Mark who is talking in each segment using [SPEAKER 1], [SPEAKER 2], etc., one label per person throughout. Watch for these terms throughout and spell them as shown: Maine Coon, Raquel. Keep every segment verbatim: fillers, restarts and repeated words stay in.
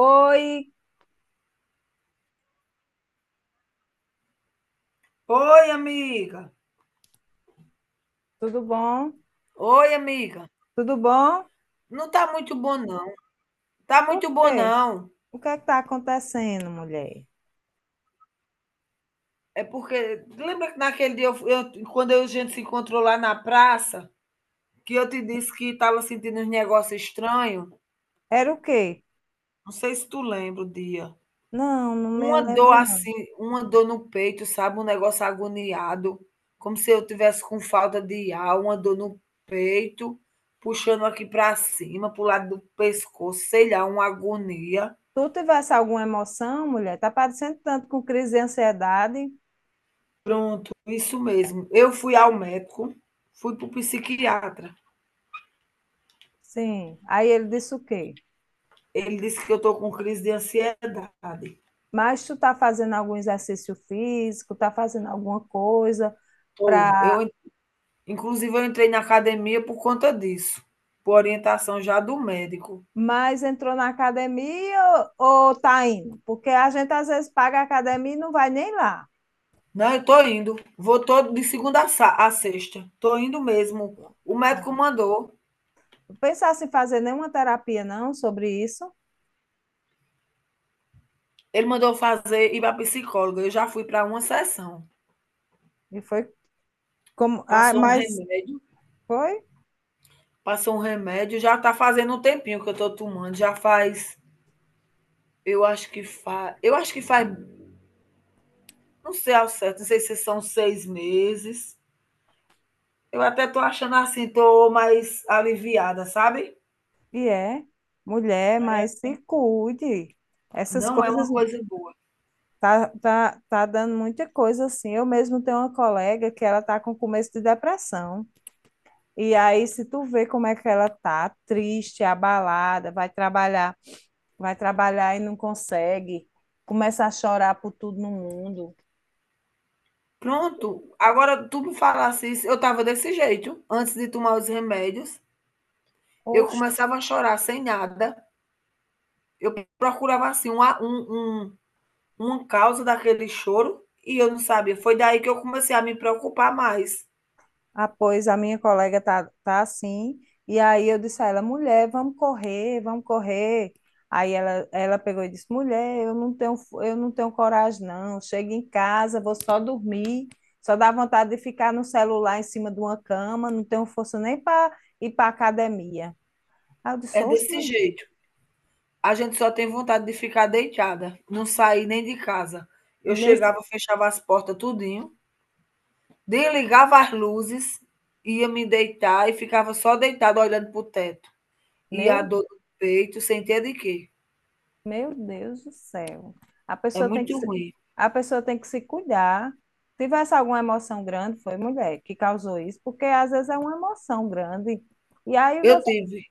[SPEAKER 1] Oi,
[SPEAKER 2] Oi, amiga.
[SPEAKER 1] tudo bom?
[SPEAKER 2] Oi, amiga.
[SPEAKER 1] Tudo bom?
[SPEAKER 2] Não tá muito bom, não. Tá
[SPEAKER 1] Por
[SPEAKER 2] muito bom,
[SPEAKER 1] quê?
[SPEAKER 2] não.
[SPEAKER 1] O que é que tá acontecendo, mulher?
[SPEAKER 2] É porque. Lembra que naquele dia, eu, fu- eu- quando a gente se encontrou lá na praça, que eu te disse que estava sentindo uns negócios estranhos?
[SPEAKER 1] Era o quê?
[SPEAKER 2] Não sei se tu lembra o dia.
[SPEAKER 1] Não, não me
[SPEAKER 2] Uma dor
[SPEAKER 1] lembro, não.
[SPEAKER 2] assim, uma dor no peito, sabe? Um negócio agoniado. Como se eu tivesse com falta de ar, uma dor no peito, puxando aqui para cima, pro lado do pescoço, sei lá, uma agonia.
[SPEAKER 1] Tu tivesse alguma emoção, mulher? Tá parecendo tanto com crise de ansiedade?
[SPEAKER 2] Pronto, isso mesmo. Eu fui ao médico, fui para o psiquiatra.
[SPEAKER 1] Sim. Aí ele disse o quê?
[SPEAKER 2] Ele disse que eu estou com crise de ansiedade.
[SPEAKER 1] Mas tu tá fazendo algum exercício físico, tá fazendo alguma coisa
[SPEAKER 2] Tô. Eu,
[SPEAKER 1] pra...
[SPEAKER 2] en- inclusive, eu entrei na academia por conta disso, por orientação já do médico.
[SPEAKER 1] Mas entrou na academia ou ou tá indo? Porque a gente às vezes paga a academia e não vai nem lá.
[SPEAKER 2] Não, eu estou indo. Vou todo de segunda a sa- a sexta. Estou indo mesmo. O médico mandou.
[SPEAKER 1] Pensasse em fazer nenhuma terapia, não, sobre isso.
[SPEAKER 2] Ele mandou fazer ir para psicóloga. Eu já fui para uma sessão.
[SPEAKER 1] E foi como. Ah,
[SPEAKER 2] Passou um
[SPEAKER 1] mas
[SPEAKER 2] remédio,
[SPEAKER 1] foi
[SPEAKER 2] passou um remédio, já está fazendo um tempinho que eu estou tomando, já faz. Eu acho que faz. Eu acho que faz. Não sei ao certo, não sei se são seis meses. Eu até estou achando assim, estou mais aliviada, sabe?
[SPEAKER 1] e é. Mulher, mas se cuide. Essas
[SPEAKER 2] Não é
[SPEAKER 1] coisas
[SPEAKER 2] uma coisa boa.
[SPEAKER 1] tá, tá, tá dando muita coisa assim. Eu mesmo tenho uma colega que ela tá com começo de depressão. E aí, se tu vê como é que ela tá, triste, abalada, vai trabalhar, vai trabalhar e não consegue, começa a chorar por tudo no mundo.
[SPEAKER 2] Pronto, agora tu me falasse isso, eu estava desse jeito, antes de tomar os remédios, eu
[SPEAKER 1] Oxe.
[SPEAKER 2] começava a chorar sem nada, eu procurava assim uma, um, um, uma causa daquele choro e eu não sabia. Foi daí que eu comecei a me preocupar mais.
[SPEAKER 1] Ah, pois a minha colega tá, tá assim. E aí eu disse a ela, mulher, vamos correr, vamos correr. Aí ela, ela pegou e disse, mulher, eu não tenho, fo- eu não tenho coragem, não. Chego em casa, vou só dormir. Só dá vontade de ficar no celular em cima de uma cama, não tenho força nem para ir para academia. Aí eu disse,
[SPEAKER 2] É
[SPEAKER 1] oxe,
[SPEAKER 2] desse
[SPEAKER 1] mu-
[SPEAKER 2] jeito. A gente só tem vontade de ficar deitada, não sair nem de casa. Eu
[SPEAKER 1] nesse,
[SPEAKER 2] chegava, fechava as portas tudinho, desligava as luzes, ia me deitar e ficava só deitada olhando para o teto. E a
[SPEAKER 1] meu.
[SPEAKER 2] dor no peito, sem ter de quê.
[SPEAKER 1] Meu Deus do céu. A
[SPEAKER 2] É
[SPEAKER 1] pessoa tem que
[SPEAKER 2] muito
[SPEAKER 1] se,
[SPEAKER 2] ruim.
[SPEAKER 1] a pessoa tem que se cuidar. Se tivesse alguma emoção grande, foi mulher que causou isso, porque às vezes é uma emoção grande. E aí
[SPEAKER 2] Eu
[SPEAKER 1] você.
[SPEAKER 2] tive.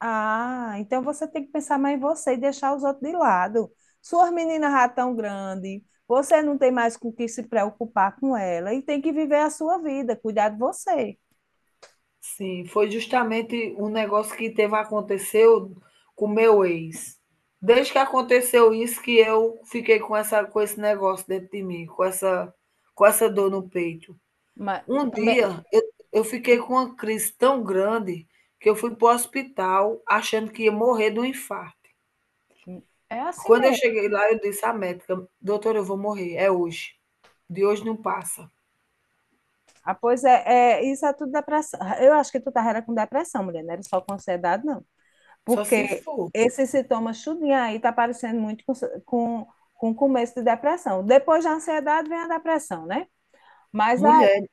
[SPEAKER 1] Ah, então você tem que pensar mais em você e deixar os outros de lado. Suas meninas já tão grandes, você não tem mais com o que se preocupar com ela e tem que viver a sua vida, cuidar de você.
[SPEAKER 2] Sim, foi justamente um negócio que teve aconteceu com meu ex. Desde que aconteceu isso que eu fiquei com essa com esse negócio dentro de mim, com essa com essa dor no peito.
[SPEAKER 1] Mas
[SPEAKER 2] Um
[SPEAKER 1] também
[SPEAKER 2] dia eu eu fiquei com uma crise tão grande que eu fui para o hospital achando que ia morrer de um infarto.
[SPEAKER 1] é assim
[SPEAKER 2] Quando eu
[SPEAKER 1] mesmo.
[SPEAKER 2] cheguei lá, eu disse à médica: "Doutora, eu vou morrer, é hoje. De hoje não passa,
[SPEAKER 1] Ah, pois é, é, isso é tudo depressão. Eu acho que tu tava era com depressão, mulher, não era só com ansiedade, não.
[SPEAKER 2] só se
[SPEAKER 1] Porque
[SPEAKER 2] for".
[SPEAKER 1] esse sintoma tudinho aí tá parecendo muito com, com, com começo de depressão. Depois da ansiedade vem a depressão, né? Mas a,
[SPEAKER 2] Mulher,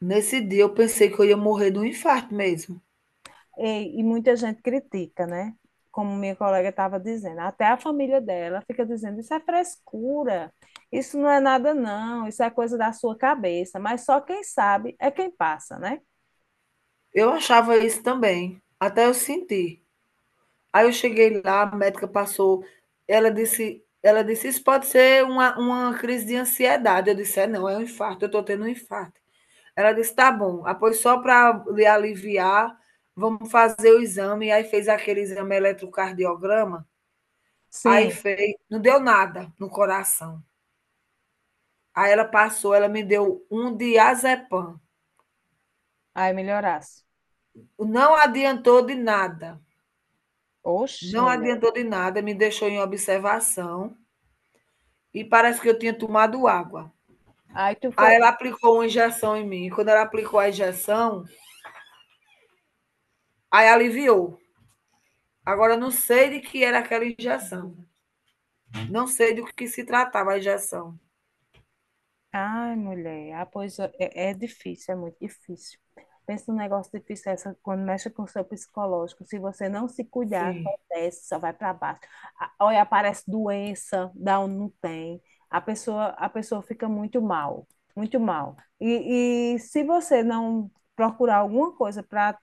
[SPEAKER 2] nesse dia eu pensei que eu ia morrer de um infarto mesmo.
[SPEAKER 1] e, e muita gente critica, né? Como minha colega estava dizendo, até a família dela fica dizendo: isso é frescura, isso não é nada, não, isso é coisa da sua cabeça. Mas só quem sabe é quem passa, né?
[SPEAKER 2] Eu achava isso também, até eu senti. Aí eu cheguei lá, a médica passou, ela disse ela disse: "Isso pode ser uma uma crise de ansiedade". Eu disse: "É não, é um infarto, eu estou tendo um infarto". Ela disse: tá bom, após só para lhe aliviar, vamos fazer o exame. Aí fez aquele exame eletrocardiograma, aí
[SPEAKER 1] Sim,
[SPEAKER 2] fez, não deu nada no coração. Aí ela passou, ela me deu um diazepam.
[SPEAKER 1] aí melhorasse.
[SPEAKER 2] Não adiantou de nada,
[SPEAKER 1] Oxe,
[SPEAKER 2] não
[SPEAKER 1] mulher.
[SPEAKER 2] adiantou de nada, me deixou em observação e parece que eu tinha tomado água.
[SPEAKER 1] Aí tu foi.
[SPEAKER 2] Aí ela aplicou uma injeção em mim. Quando ela aplicou a injeção, aí aliviou. Agora eu não sei de que era aquela injeção. Não sei do que se tratava a injeção.
[SPEAKER 1] Ai, mulher, ah, pois é, é é difícil, é muito difícil. Pensa num negócio difícil essa, quando mexe com o seu psicológico. Se você não se cuidar,
[SPEAKER 2] Sim.
[SPEAKER 1] só desce, só vai para baixo. A- Olha, aparece doença, dá onde não tem. A pessoa, a pessoa fica muito mal, muito mal. E, e se você não procurar alguma coisa para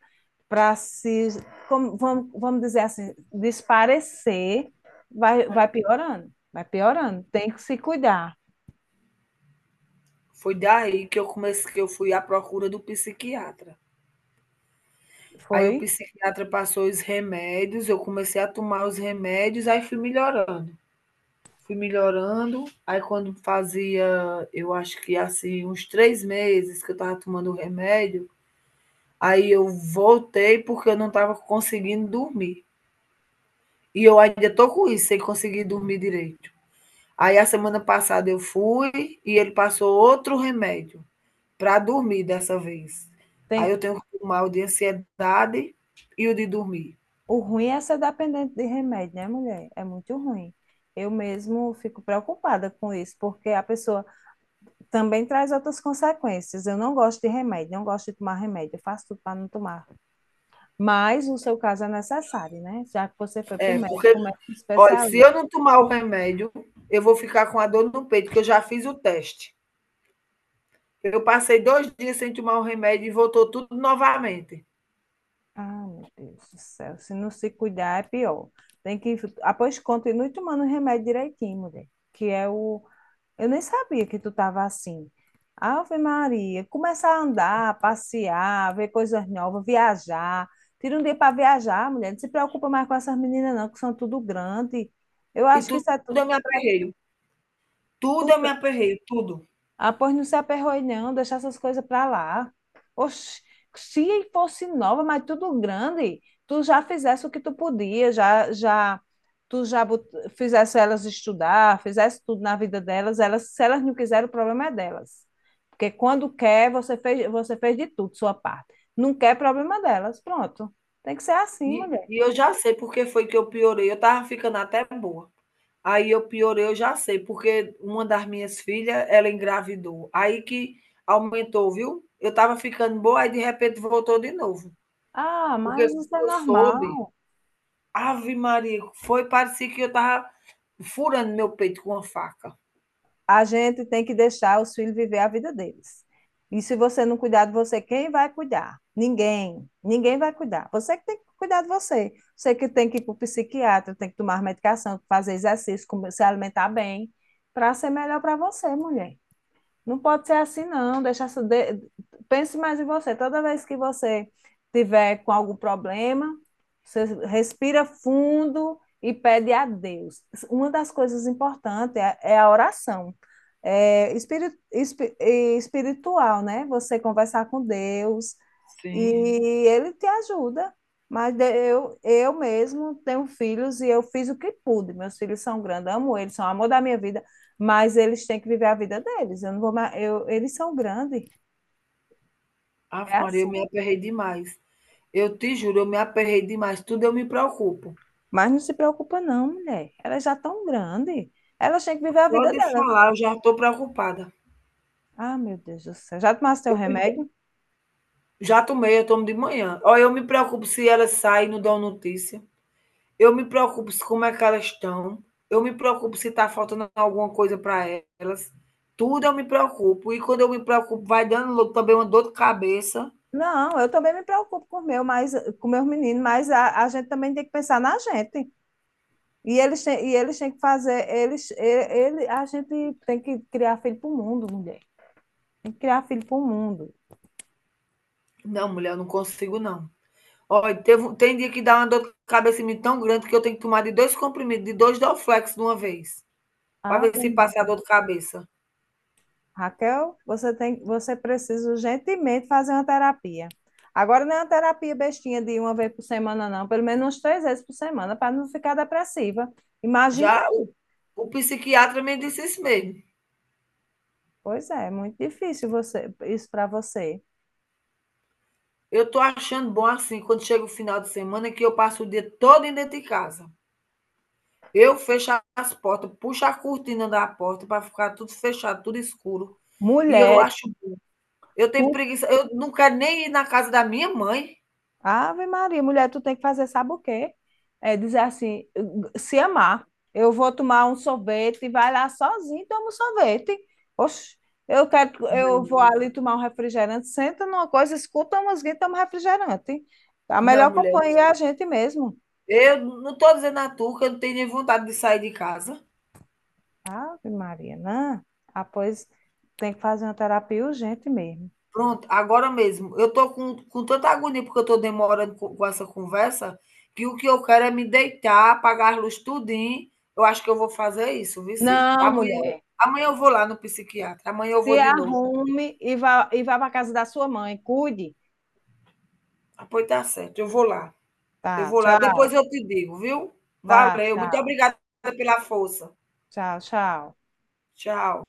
[SPEAKER 1] para se, como, vamos, vamos dizer assim, desaparecer, vai, vai piorando, vai piorando. Tem que se cuidar.
[SPEAKER 2] Foi daí que eu comecei que eu fui à procura do psiquiatra. Aí
[SPEAKER 1] Foi?
[SPEAKER 2] o psiquiatra passou os remédios, eu comecei a tomar os remédios, aí fui melhorando. Fui melhorando, aí quando fazia, eu acho que assim, uns três meses que eu estava tomando o remédio, aí eu voltei porque eu não estava conseguindo dormir. E eu ainda estou com isso, sem conseguir dormir direito. Aí a semana passada eu fui e ele passou outro remédio para dormir dessa vez. Aí
[SPEAKER 1] Tem...
[SPEAKER 2] eu tenho que tomar o de ansiedade e o de dormir.
[SPEAKER 1] O ruim é ser dependente de remédio, né, mulher? É muito ruim. Eu mesmo fico preocupada com isso, porque a pessoa também traz outras consequências. Eu não gosto de remédio, não gosto de tomar remédio, eu faço tudo para não tomar. Mas o seu caso é necessário, né? Já que você foi para o
[SPEAKER 2] É,
[SPEAKER 1] médico,
[SPEAKER 2] porque,
[SPEAKER 1] o médico
[SPEAKER 2] olha, se
[SPEAKER 1] especialista.
[SPEAKER 2] eu não tomar o remédio, eu vou ficar com a dor no peito, que eu já fiz o teste. Eu passei dois dias sem tomar o remédio e voltou tudo novamente.
[SPEAKER 1] Ah, meu Deus do céu, se não se cuidar é pior. Tem que. Ah, pois continue tomando remédio direitinho, mulher, que é o, eu nem sabia que tu estava assim. Ave Maria, começar a andar, passear, ver coisas novas, viajar. Tira um dia para viajar, mulher. Não se preocupa mais com essas meninas, não, que são tudo grande. Eu
[SPEAKER 2] E
[SPEAKER 1] acho que
[SPEAKER 2] tudo
[SPEAKER 1] isso é
[SPEAKER 2] eu me aperreio. Tudo eu me
[SPEAKER 1] tudo,
[SPEAKER 2] aperreio, tudo.
[SPEAKER 1] ah, pois não se aperroe não, deixar essas coisas para lá. Oxi, se fosse nova, mas tudo grande, tu já fizesse o que tu podia, já, já, tu já bot- fizesse elas estudar, fizesse tudo na vida delas, elas, se elas não quiserem, o problema é delas. Porque quando quer, você fez, você fez de tudo, sua parte. Não quer, é problema delas, pronto. Tem que ser assim,
[SPEAKER 2] E
[SPEAKER 1] mulher.
[SPEAKER 2] e eu já sei porque foi que eu piorei, eu estava ficando até boa. Aí eu piorei, eu já sei, porque uma das minhas filhas, ela engravidou, aí que aumentou, viu. Eu estava ficando boa, aí de repente voltou de novo,
[SPEAKER 1] Ah,
[SPEAKER 2] porque
[SPEAKER 1] mas
[SPEAKER 2] quando
[SPEAKER 1] isso é
[SPEAKER 2] eu soube,
[SPEAKER 1] normal.
[SPEAKER 2] ave Maria, foi, parecia que eu estava furando meu peito com uma faca.
[SPEAKER 1] A gente tem que deixar os filhos viver a vida deles. E se você não cuidar de você, quem vai cuidar? Ninguém. Ninguém vai cuidar. Você que tem que cuidar de você. Você que tem que ir para o psiquiatra, tem que tomar medicação, fazer exercício, se alimentar bem, para ser melhor para você, mulher. Não pode ser assim, não. Deixa, essa- de- pense mais em você. Toda vez que você tiver com algum problema, você respira fundo e pede a Deus. Uma das coisas importantes é, é a oração. É espiri- espi- e espiritual, né? Você conversar com Deus
[SPEAKER 2] Sim.
[SPEAKER 1] e ele te ajuda. Mas de- eu, eu mesmo tenho filhos e eu fiz o que pude. Meus filhos são grandes, amo eles, são o amor da minha vida, mas eles têm que viver a vida deles. Eu não vou mais, eu, eles são grandes,
[SPEAKER 2] Ave
[SPEAKER 1] é
[SPEAKER 2] Maria, eu me
[SPEAKER 1] assim.
[SPEAKER 2] aperrei demais. Eu te juro, eu me aperrei demais, tudo eu me preocupo.
[SPEAKER 1] Mas não se preocupa não, mulher. Elas já estão grandes. Elas têm que viver a
[SPEAKER 2] Só
[SPEAKER 1] vida
[SPEAKER 2] de
[SPEAKER 1] delas.
[SPEAKER 2] falar eu já estou preocupada.
[SPEAKER 1] Ah, meu Deus do céu. Já tomaste teu
[SPEAKER 2] Eu me
[SPEAKER 1] remédio?
[SPEAKER 2] Já tomei, eu tomo de manhã. Olha, eu me preocupo se elas saem e não dão notícia. Eu me preocupo se como é que elas estão. Eu me preocupo se está faltando alguma coisa para elas. Tudo eu me preocupo. E quando eu me preocupo, vai dando lo- também uma dor de cabeça.
[SPEAKER 1] Não, eu também me preocupo com o meu, mas com meus meninos, mas a, a gente também tem que pensar na gente. E eles têm, e eles têm que fazer, eles, ele, ele- a gente tem que criar filho para o mundo, mulher. Tem que criar filho para o mundo.
[SPEAKER 2] Não, mulher, eu não consigo, não. Olha, teve um- tem dia que dá uma dor de cabeça em mim tão grande que eu tenho que tomar de dois comprimidos, de dois Dorflex de uma vez, para ver
[SPEAKER 1] Ave
[SPEAKER 2] se passa a
[SPEAKER 1] Maria.
[SPEAKER 2] dor de cabeça.
[SPEAKER 1] Raquel, você tem, você precisa urgentemente fazer uma terapia. Agora não é uma terapia bestinha de uma vez por semana, não, pelo menos umas três vezes por semana, para não ficar depressiva. Imagina,
[SPEAKER 2] Já o, o psiquiatra me disse isso mesmo.
[SPEAKER 1] pois é, é muito difícil você, isso para você.
[SPEAKER 2] Eu estou achando bom assim, quando chega o final de semana, que eu passo o dia todo dentro de casa. Eu fecho as portas, puxo a cortina da porta para ficar tudo fechado, tudo escuro. E eu
[SPEAKER 1] Mulher,
[SPEAKER 2] acho. Eu tenho
[SPEAKER 1] tu.
[SPEAKER 2] preguiça, eu não quero nem ir na casa da minha mãe.
[SPEAKER 1] Ave Maria, mulher, tu tem que fazer, sabe o quê? É dizer assim, se amar. Eu vou tomar um sorvete, vai lá sozinho, toma um sorvete. Oxe, eu quero,
[SPEAKER 2] Não,
[SPEAKER 1] eu vou
[SPEAKER 2] mulher.
[SPEAKER 1] ali tomar um refrigerante, senta numa coisa, escuta uma música e toma um refrigerante. A
[SPEAKER 2] Não,
[SPEAKER 1] melhor
[SPEAKER 2] mulher.
[SPEAKER 1] companhia é a gente mesmo.
[SPEAKER 2] Eu não estou dizendo a tu que eu não tenho nem vontade de sair de casa.
[SPEAKER 1] Ave Maria, não. Ah, pois tem que fazer uma terapia urgente mesmo.
[SPEAKER 2] Pronto, agora mesmo. Eu estou com, com tanta agonia porque eu estou demorando com, com essa conversa, que o que eu quero é me deitar, apagar as luzes tudinho. Eu acho que eu vou fazer isso, viu? Se,
[SPEAKER 1] Não,
[SPEAKER 2] amanhã,
[SPEAKER 1] mulher,
[SPEAKER 2] Amanhã eu vou lá no psiquiatra, amanhã eu
[SPEAKER 1] se
[SPEAKER 2] vou de novo.
[SPEAKER 1] arrume e vá, e vá para casa da sua mãe, cuide.
[SPEAKER 2] Ah, pois tá certo, eu vou lá. Eu
[SPEAKER 1] Tá,
[SPEAKER 2] vou lá, depois
[SPEAKER 1] tchau.
[SPEAKER 2] eu te digo, viu?
[SPEAKER 1] Tá,
[SPEAKER 2] Valeu, muito
[SPEAKER 1] tchau.
[SPEAKER 2] obrigada pela força.
[SPEAKER 1] Tchau, tchau.
[SPEAKER 2] Tchau.